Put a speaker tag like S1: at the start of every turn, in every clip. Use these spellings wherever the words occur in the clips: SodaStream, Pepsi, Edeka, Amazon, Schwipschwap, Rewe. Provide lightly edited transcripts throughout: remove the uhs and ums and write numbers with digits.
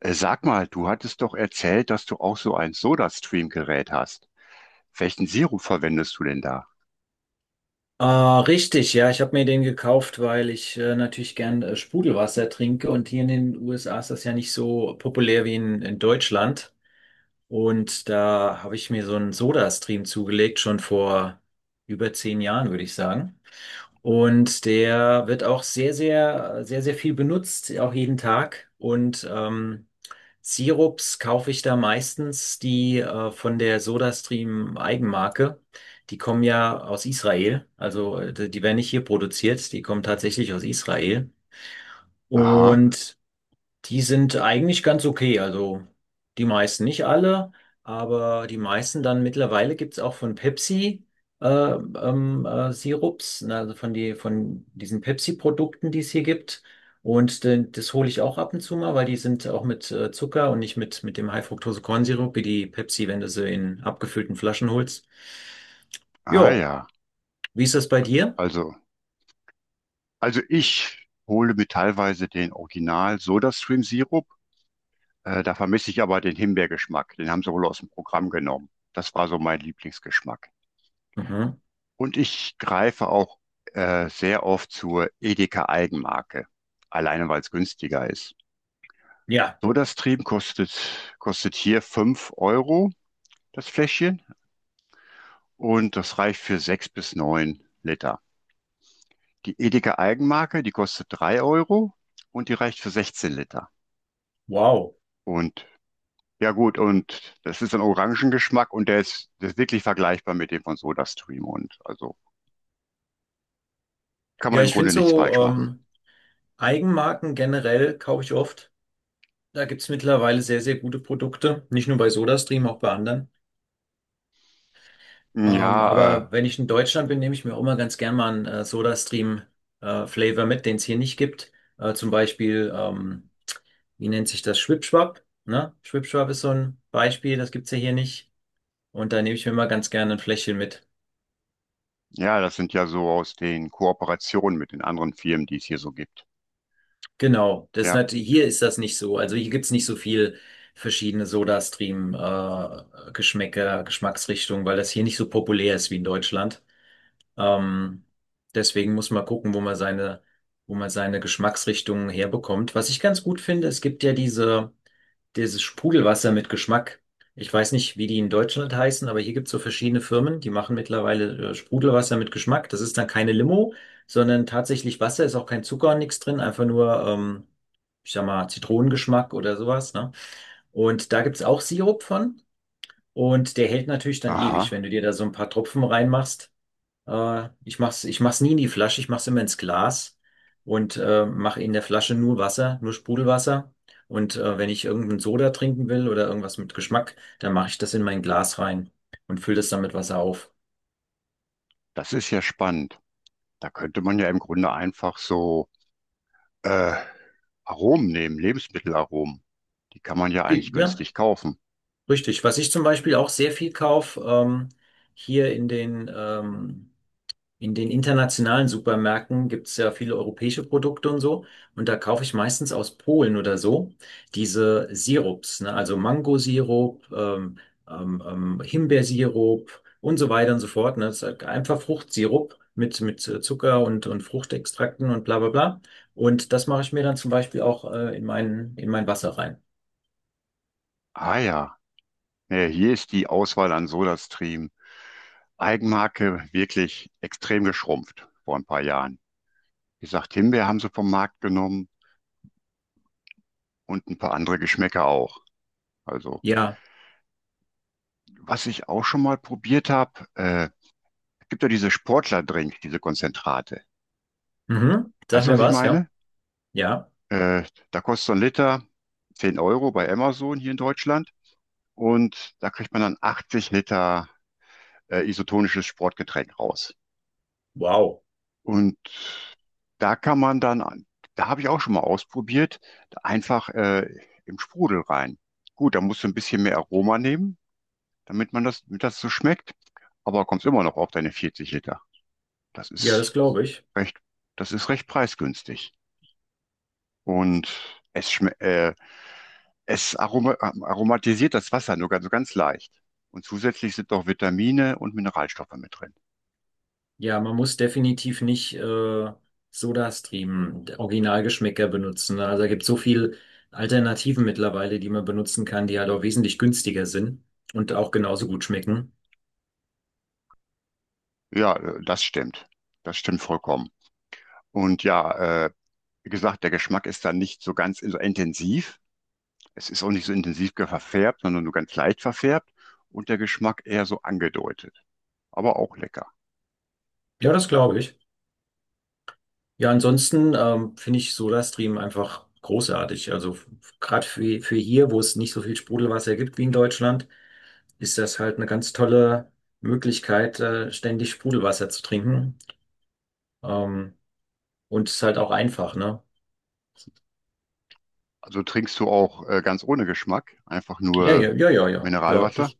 S1: Sag mal, du hattest doch erzählt, dass du auch so ein Soda-Stream-Gerät hast. Welchen Sirup verwendest du denn da?
S2: Ah, richtig, ja, ich habe mir den gekauft, weil ich natürlich gern Sprudelwasser trinke, und hier in den USA ist das ja nicht so populär wie in Deutschland. Und da habe ich mir so einen Soda-Stream zugelegt, schon vor über 10 Jahren, würde ich sagen. Und der wird auch sehr, sehr, sehr, sehr viel benutzt, auch jeden Tag. Und Sirups kaufe ich da meistens die von der SodaStream Eigenmarke. Die kommen ja aus Israel. Also die die werden nicht hier produziert, die kommen tatsächlich aus Israel.
S1: Aha,
S2: Und die sind eigentlich ganz okay, also die meisten, nicht alle, aber die meisten. Dann mittlerweile gibt's auch von Pepsi Sirups, ne, also von, die, von diesen Pepsi-Produkten, die es hier gibt. Und das hole ich auch ab und zu mal, weil die sind auch mit Zucker und nicht mit, mit dem High-Fructose-Kornsirup, wie die Pepsi, wenn du sie in abgefüllten Flaschen holst.
S1: ah
S2: Jo,
S1: ja.
S2: wie ist das bei dir?
S1: Also, also ich hole mir teilweise den Original Soda-Stream-Sirup. Da vermisse ich aber den Himbeergeschmack. Den haben sie wohl aus dem Programm genommen. Das war so mein Lieblingsgeschmack.
S2: Mhm.
S1: Und ich greife auch sehr oft zur Edeka Eigenmarke, alleine weil es günstiger ist.
S2: Ja,
S1: SodaStream kostet hier 5 € das Fläschchen und das reicht für 6 bis 9 Liter. Die Edeka Eigenmarke, die kostet 3 € und die reicht für 16 Liter.
S2: wow.
S1: Und ja gut, und das ist ein Orangengeschmack und der ist wirklich vergleichbar mit dem von SodaStream und also kann man
S2: Ja,
S1: im
S2: ich
S1: Grunde
S2: finde
S1: nichts
S2: so
S1: falsch machen.
S2: Eigenmarken generell kaufe ich oft. Da gibt's mittlerweile sehr, sehr gute Produkte, nicht nur bei SodaStream, auch bei anderen.
S1: Ja, äh,
S2: Aber wenn ich in Deutschland bin, nehme ich mir auch immer ganz gern mal einen SodaStream-Flavor mit, den es hier nicht gibt. Zum Beispiel, wie nennt sich das? Schwipschwap, ne? Schwipschwap ist so ein Beispiel, das gibt's ja hier nicht. Und da nehme ich mir mal ganz gerne ein Fläschchen mit.
S1: Ja, das sind ja so aus den Kooperationen mit den anderen Firmen, die es hier so gibt.
S2: Genau, das ist
S1: Ja,
S2: natürlich, hier ist das nicht so. Also hier gibt's nicht so viel verschiedene SodaStream-Geschmäcker, Geschmacksrichtungen, weil das hier nicht so populär ist wie in Deutschland. Ähm, deswegen muss man gucken, wo man seine Geschmacksrichtungen herbekommt. Was ich ganz gut finde, es gibt ja dieses Sprudelwasser mit Geschmack. Ich weiß nicht, wie die in Deutschland heißen, aber hier gibt es so verschiedene Firmen, die machen mittlerweile Sprudelwasser mit Geschmack. Das ist dann keine Limo, sondern tatsächlich Wasser, ist auch kein Zucker und nichts drin, einfach nur, ich sag mal, Zitronengeschmack oder sowas, ne? Und da gibt es auch Sirup von, und der hält natürlich dann ewig,
S1: aha,
S2: wenn du dir da so ein paar Tropfen reinmachst. Ich mach's nie in die Flasche, ich mach's immer ins Glas und mache in der Flasche nur Wasser, nur Sprudelwasser. Und wenn ich irgendeinen Soda trinken will oder irgendwas mit Geschmack, dann mache ich das in mein Glas rein und fülle das dann mit Wasser auf.
S1: das ist ja spannend. Da könnte man ja im Grunde einfach so äh, Aromen nehmen, Lebensmittelaromen. Die kann man ja eigentlich
S2: Ja,
S1: günstig kaufen.
S2: richtig. Was ich zum Beispiel auch sehr viel kaufe, hier in den in den internationalen Supermärkten gibt es ja viele europäische Produkte und so. Und da kaufe ich meistens aus Polen oder so diese Sirups, ne? Also Mangosirup, Himbeersirup und so weiter und so fort. Ne? Das ist halt einfach Fruchtsirup mit Zucker und Fruchtextrakten und bla bla bla. Und das mache ich mir dann zum Beispiel auch in in mein Wasser rein.
S1: Ah ja, nee, hier ist die Auswahl an SodaStream. Eigenmarke wirklich extrem geschrumpft vor ein paar Jahren. Wie gesagt, Himbeer haben sie vom Markt genommen und ein paar andere Geschmäcker auch. Also,
S2: Ja.
S1: was ich auch schon mal probiert habe, gibt ja diese Sportler-Drink, diese Konzentrate.
S2: Mhm.
S1: Weißt
S2: Sag
S1: du,
S2: mir
S1: was ich
S2: was, ja?
S1: meine?
S2: Ja.
S1: Äh, da kostet so ein Liter 10 € bei Amazon hier in Deutschland und da kriegt man dann 80 Liter isotonisches Sportgetränk raus.
S2: Wow.
S1: Und da kann man dann, da habe ich auch schon mal ausprobiert, einfach im Sprudel rein. Gut, da musst du ein bisschen mehr Aroma nehmen, damit das so schmeckt, aber kommst immer noch auf deine 40 Liter. Das
S2: Ja,
S1: ist
S2: das glaube ich.
S1: recht, das ist recht preisgünstig. Und es aromatisiert das Wasser nur ganz, so ganz leicht. Und zusätzlich sind noch Vitamine und Mineralstoffe mit drin.
S2: Ja, man muss definitiv nicht Sodastream, Originalgeschmäcker benutzen, ne? Also da gibt so viel Alternativen mittlerweile, die man benutzen kann, die halt auch wesentlich günstiger sind und auch genauso gut schmecken.
S1: Ja, Das stimmt. Das stimmt vollkommen. Und ja, äh, Wie gesagt, der Geschmack ist dann nicht so ganz so intensiv. Es ist auch nicht so intensiv verfärbt, sondern nur ganz leicht verfärbt. Und der Geschmack eher so angedeutet. Aber auch lecker.
S2: Ja, das glaube ich. Ja, ansonsten finde ich Sodastream einfach großartig. Also gerade für hier, wo es nicht so viel Sprudelwasser gibt wie in Deutschland, ist das halt eine ganz tolle Möglichkeit, ständig Sprudelwasser zu trinken. Ähm, und es ist halt auch einfach, ne?
S1: Also trinkst du auch ganz ohne Geschmack, einfach
S2: Ja,
S1: nur
S2: ja, ja, ja, ja, ja,
S1: Mineralwasser.
S2: das.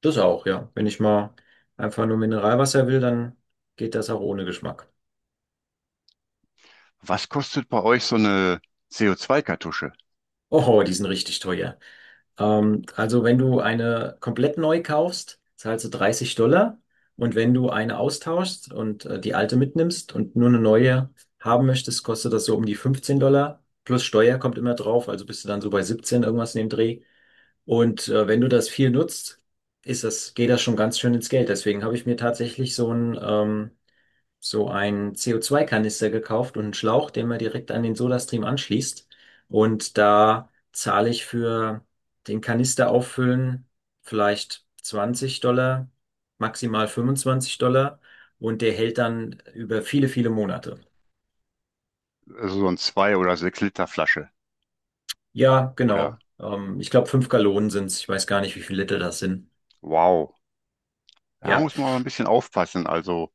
S2: Das auch, ja. Wenn ich mal einfach nur Mineralwasser will, dann geht das auch ohne Geschmack.
S1: Was kostet bei euch so eine CO2-Kartusche?
S2: Oh, die sind richtig teuer. Also wenn du eine komplett neu kaufst, zahlst du 30 Dollar. Und wenn du eine austauschst und die alte mitnimmst und nur eine neue haben möchtest, kostet das so um die 15 Dollar. Plus Steuer kommt immer drauf, also bist du dann so bei 17 irgendwas in dem Dreh. Und wenn du das viel nutzt, geht das schon ganz schön ins Geld. Deswegen habe ich mir tatsächlich so einen CO2-Kanister gekauft und einen Schlauch, den man direkt an den SodaStream anschließt. Und da zahle ich für den Kanister auffüllen vielleicht 20 Dollar, maximal 25 Dollar. Und der hält dann über viele, viele Monate.
S1: Also so ein 2 oder 6 Liter Flasche.
S2: Ja,
S1: Oder
S2: genau. Ich glaube, 5 Gallonen sind's. Ich weiß gar nicht, wie viele Liter das sind.
S1: wow. Da
S2: Ja,
S1: muss man aber ein bisschen aufpassen. Also,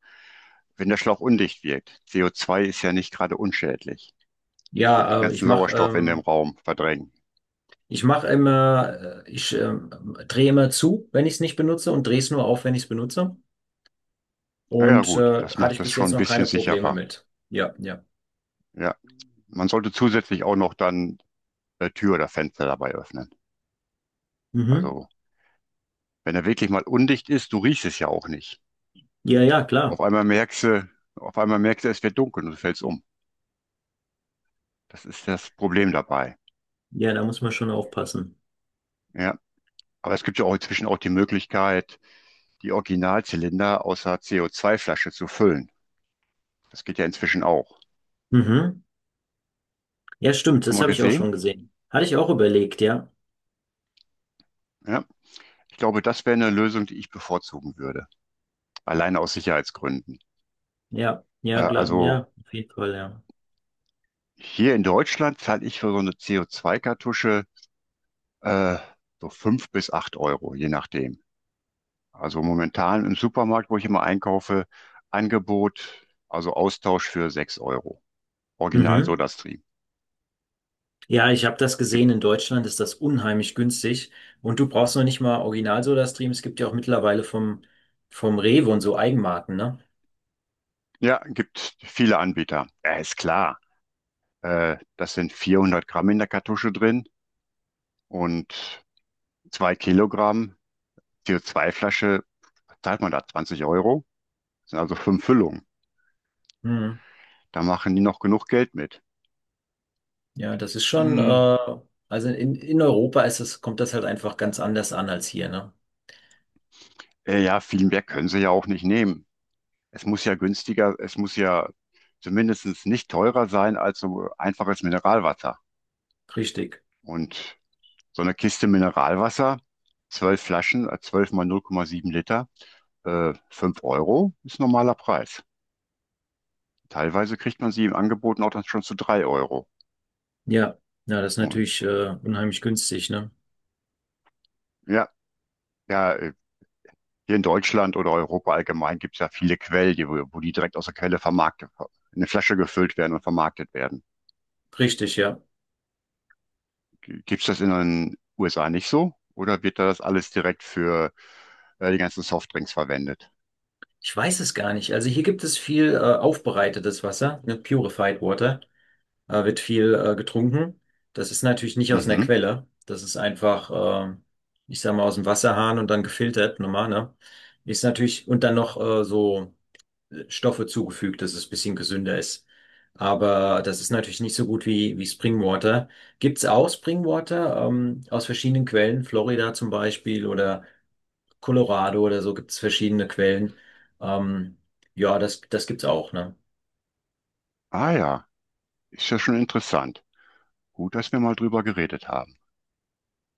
S1: wenn der Schlauch undicht wirkt. CO2 ist ja nicht gerade unschädlich. Und den
S2: ja, äh, ich
S1: ganzen
S2: mache
S1: Sauerstoff in dem
S2: ähm,
S1: Raum verdrängen.
S2: ich mache immer, ich drehe immer zu, wenn ich es nicht benutze, und drehe es nur auf, wenn ich es benutze.
S1: Naja,
S2: Und
S1: gut, das
S2: hatte
S1: macht
S2: ich
S1: das
S2: bis
S1: schon
S2: jetzt
S1: ein
S2: noch
S1: bisschen
S2: keine Probleme
S1: sicherer.
S2: mit. Ja, ja.
S1: Ja, man sollte zusätzlich auch noch dann Tür oder Fenster dabei öffnen.
S2: Mhm.
S1: Also, wenn er wirklich mal undicht ist, du riechst es ja auch nicht.
S2: Ja, ja,
S1: Auf
S2: klar.
S1: einmal merkst du, auf einmal merkst du, es wird dunkel und du fällst um. Das ist das Problem dabei.
S2: Ja, da muss man schon aufpassen.
S1: Ja, aber es gibt ja auch inzwischen auch die Möglichkeit, die Originalzylinder aus einer CO2-Flasche zu füllen. Das geht ja inzwischen auch.
S2: Mhm. Ja, stimmt,
S1: Schon
S2: das
S1: mal
S2: habe ich auch
S1: gesehen?
S2: schon gesehen. Hatte ich auch überlegt, ja.
S1: Ja. Ich glaube, das wäre eine Lösung, die ich bevorzugen würde. Allein aus Sicherheitsgründen.
S2: Ja,
S1: Äh,
S2: ja, klar,
S1: also
S2: ja, auf jeden Fall, ja.
S1: hier in Deutschland zahle ich für so eine CO2-Kartusche äh, so fünf bis acht Euro, je nachdem. Also momentan im Supermarkt, wo ich immer einkaufe, Angebot, also Austausch für sechs Euro. Original
S2: Mhm.
S1: SodaStream.
S2: Ja, ich habe das
S1: Gibt,
S2: gesehen, in Deutschland ist das unheimlich günstig, und du brauchst noch nicht mal Original Soda Stream, es gibt ja auch mittlerweile vom Rewe und so Eigenmarken, ne?
S1: ja, gibt viele Anbieter. Ja, ist klar. Das sind 400 Gramm in der Kartusche drin und 2 kg CO2-Flasche zahlt man da 20 Euro. Das sind also 5 Füllungen.
S2: Mhm.
S1: Da machen die noch genug Geld mit.
S2: Ja, das ist schon
S1: Hm,
S2: also in Europa ist es, kommt das halt einfach ganz anders an als hier, ne?
S1: ja, viel mehr können sie ja auch nicht nehmen. Es muss ja zumindest nicht teurer sein als so einfaches Mineralwasser.
S2: Richtig.
S1: Und so eine Kiste Mineralwasser, 12 Flaschen, 12 mal 0,7 Liter, 5 € ist normaler Preis. Teilweise kriegt man sie im Angebot auch dann schon zu drei Euro.
S2: Ja, ja, das ist
S1: Und
S2: natürlich unheimlich günstig, ne?
S1: ja, ja, äh, Hier in Deutschland oder Europa allgemein gibt es ja viele Quellen, wo die direkt aus der Quelle vermarktet, in eine Flasche gefüllt werden und vermarktet werden.
S2: Richtig, ja.
S1: Gibt es das in den USA nicht so? Oder wird da das alles direkt für die ganzen Softdrinks verwendet?
S2: Ich weiß es gar nicht. Also hier gibt es viel aufbereitetes Wasser, ne? Purified Water, wird viel getrunken. Das ist natürlich nicht aus einer
S1: Mhm.
S2: Quelle. Das ist einfach, ich sag mal, aus dem Wasserhahn und dann gefiltert, normal, ne? Ist natürlich, und dann noch so Stoffe zugefügt, dass es ein bisschen gesünder ist. Aber das ist natürlich nicht so gut wie, wie Springwater. Gibt's auch Springwater, aus verschiedenen Quellen, Florida zum Beispiel oder Colorado oder so, gibt's verschiedene Quellen. Ähm, ja, das, das gibt's auch, ne?
S1: Ah ja, ist ja schon interessant. Gut, dass wir mal drüber geredet haben.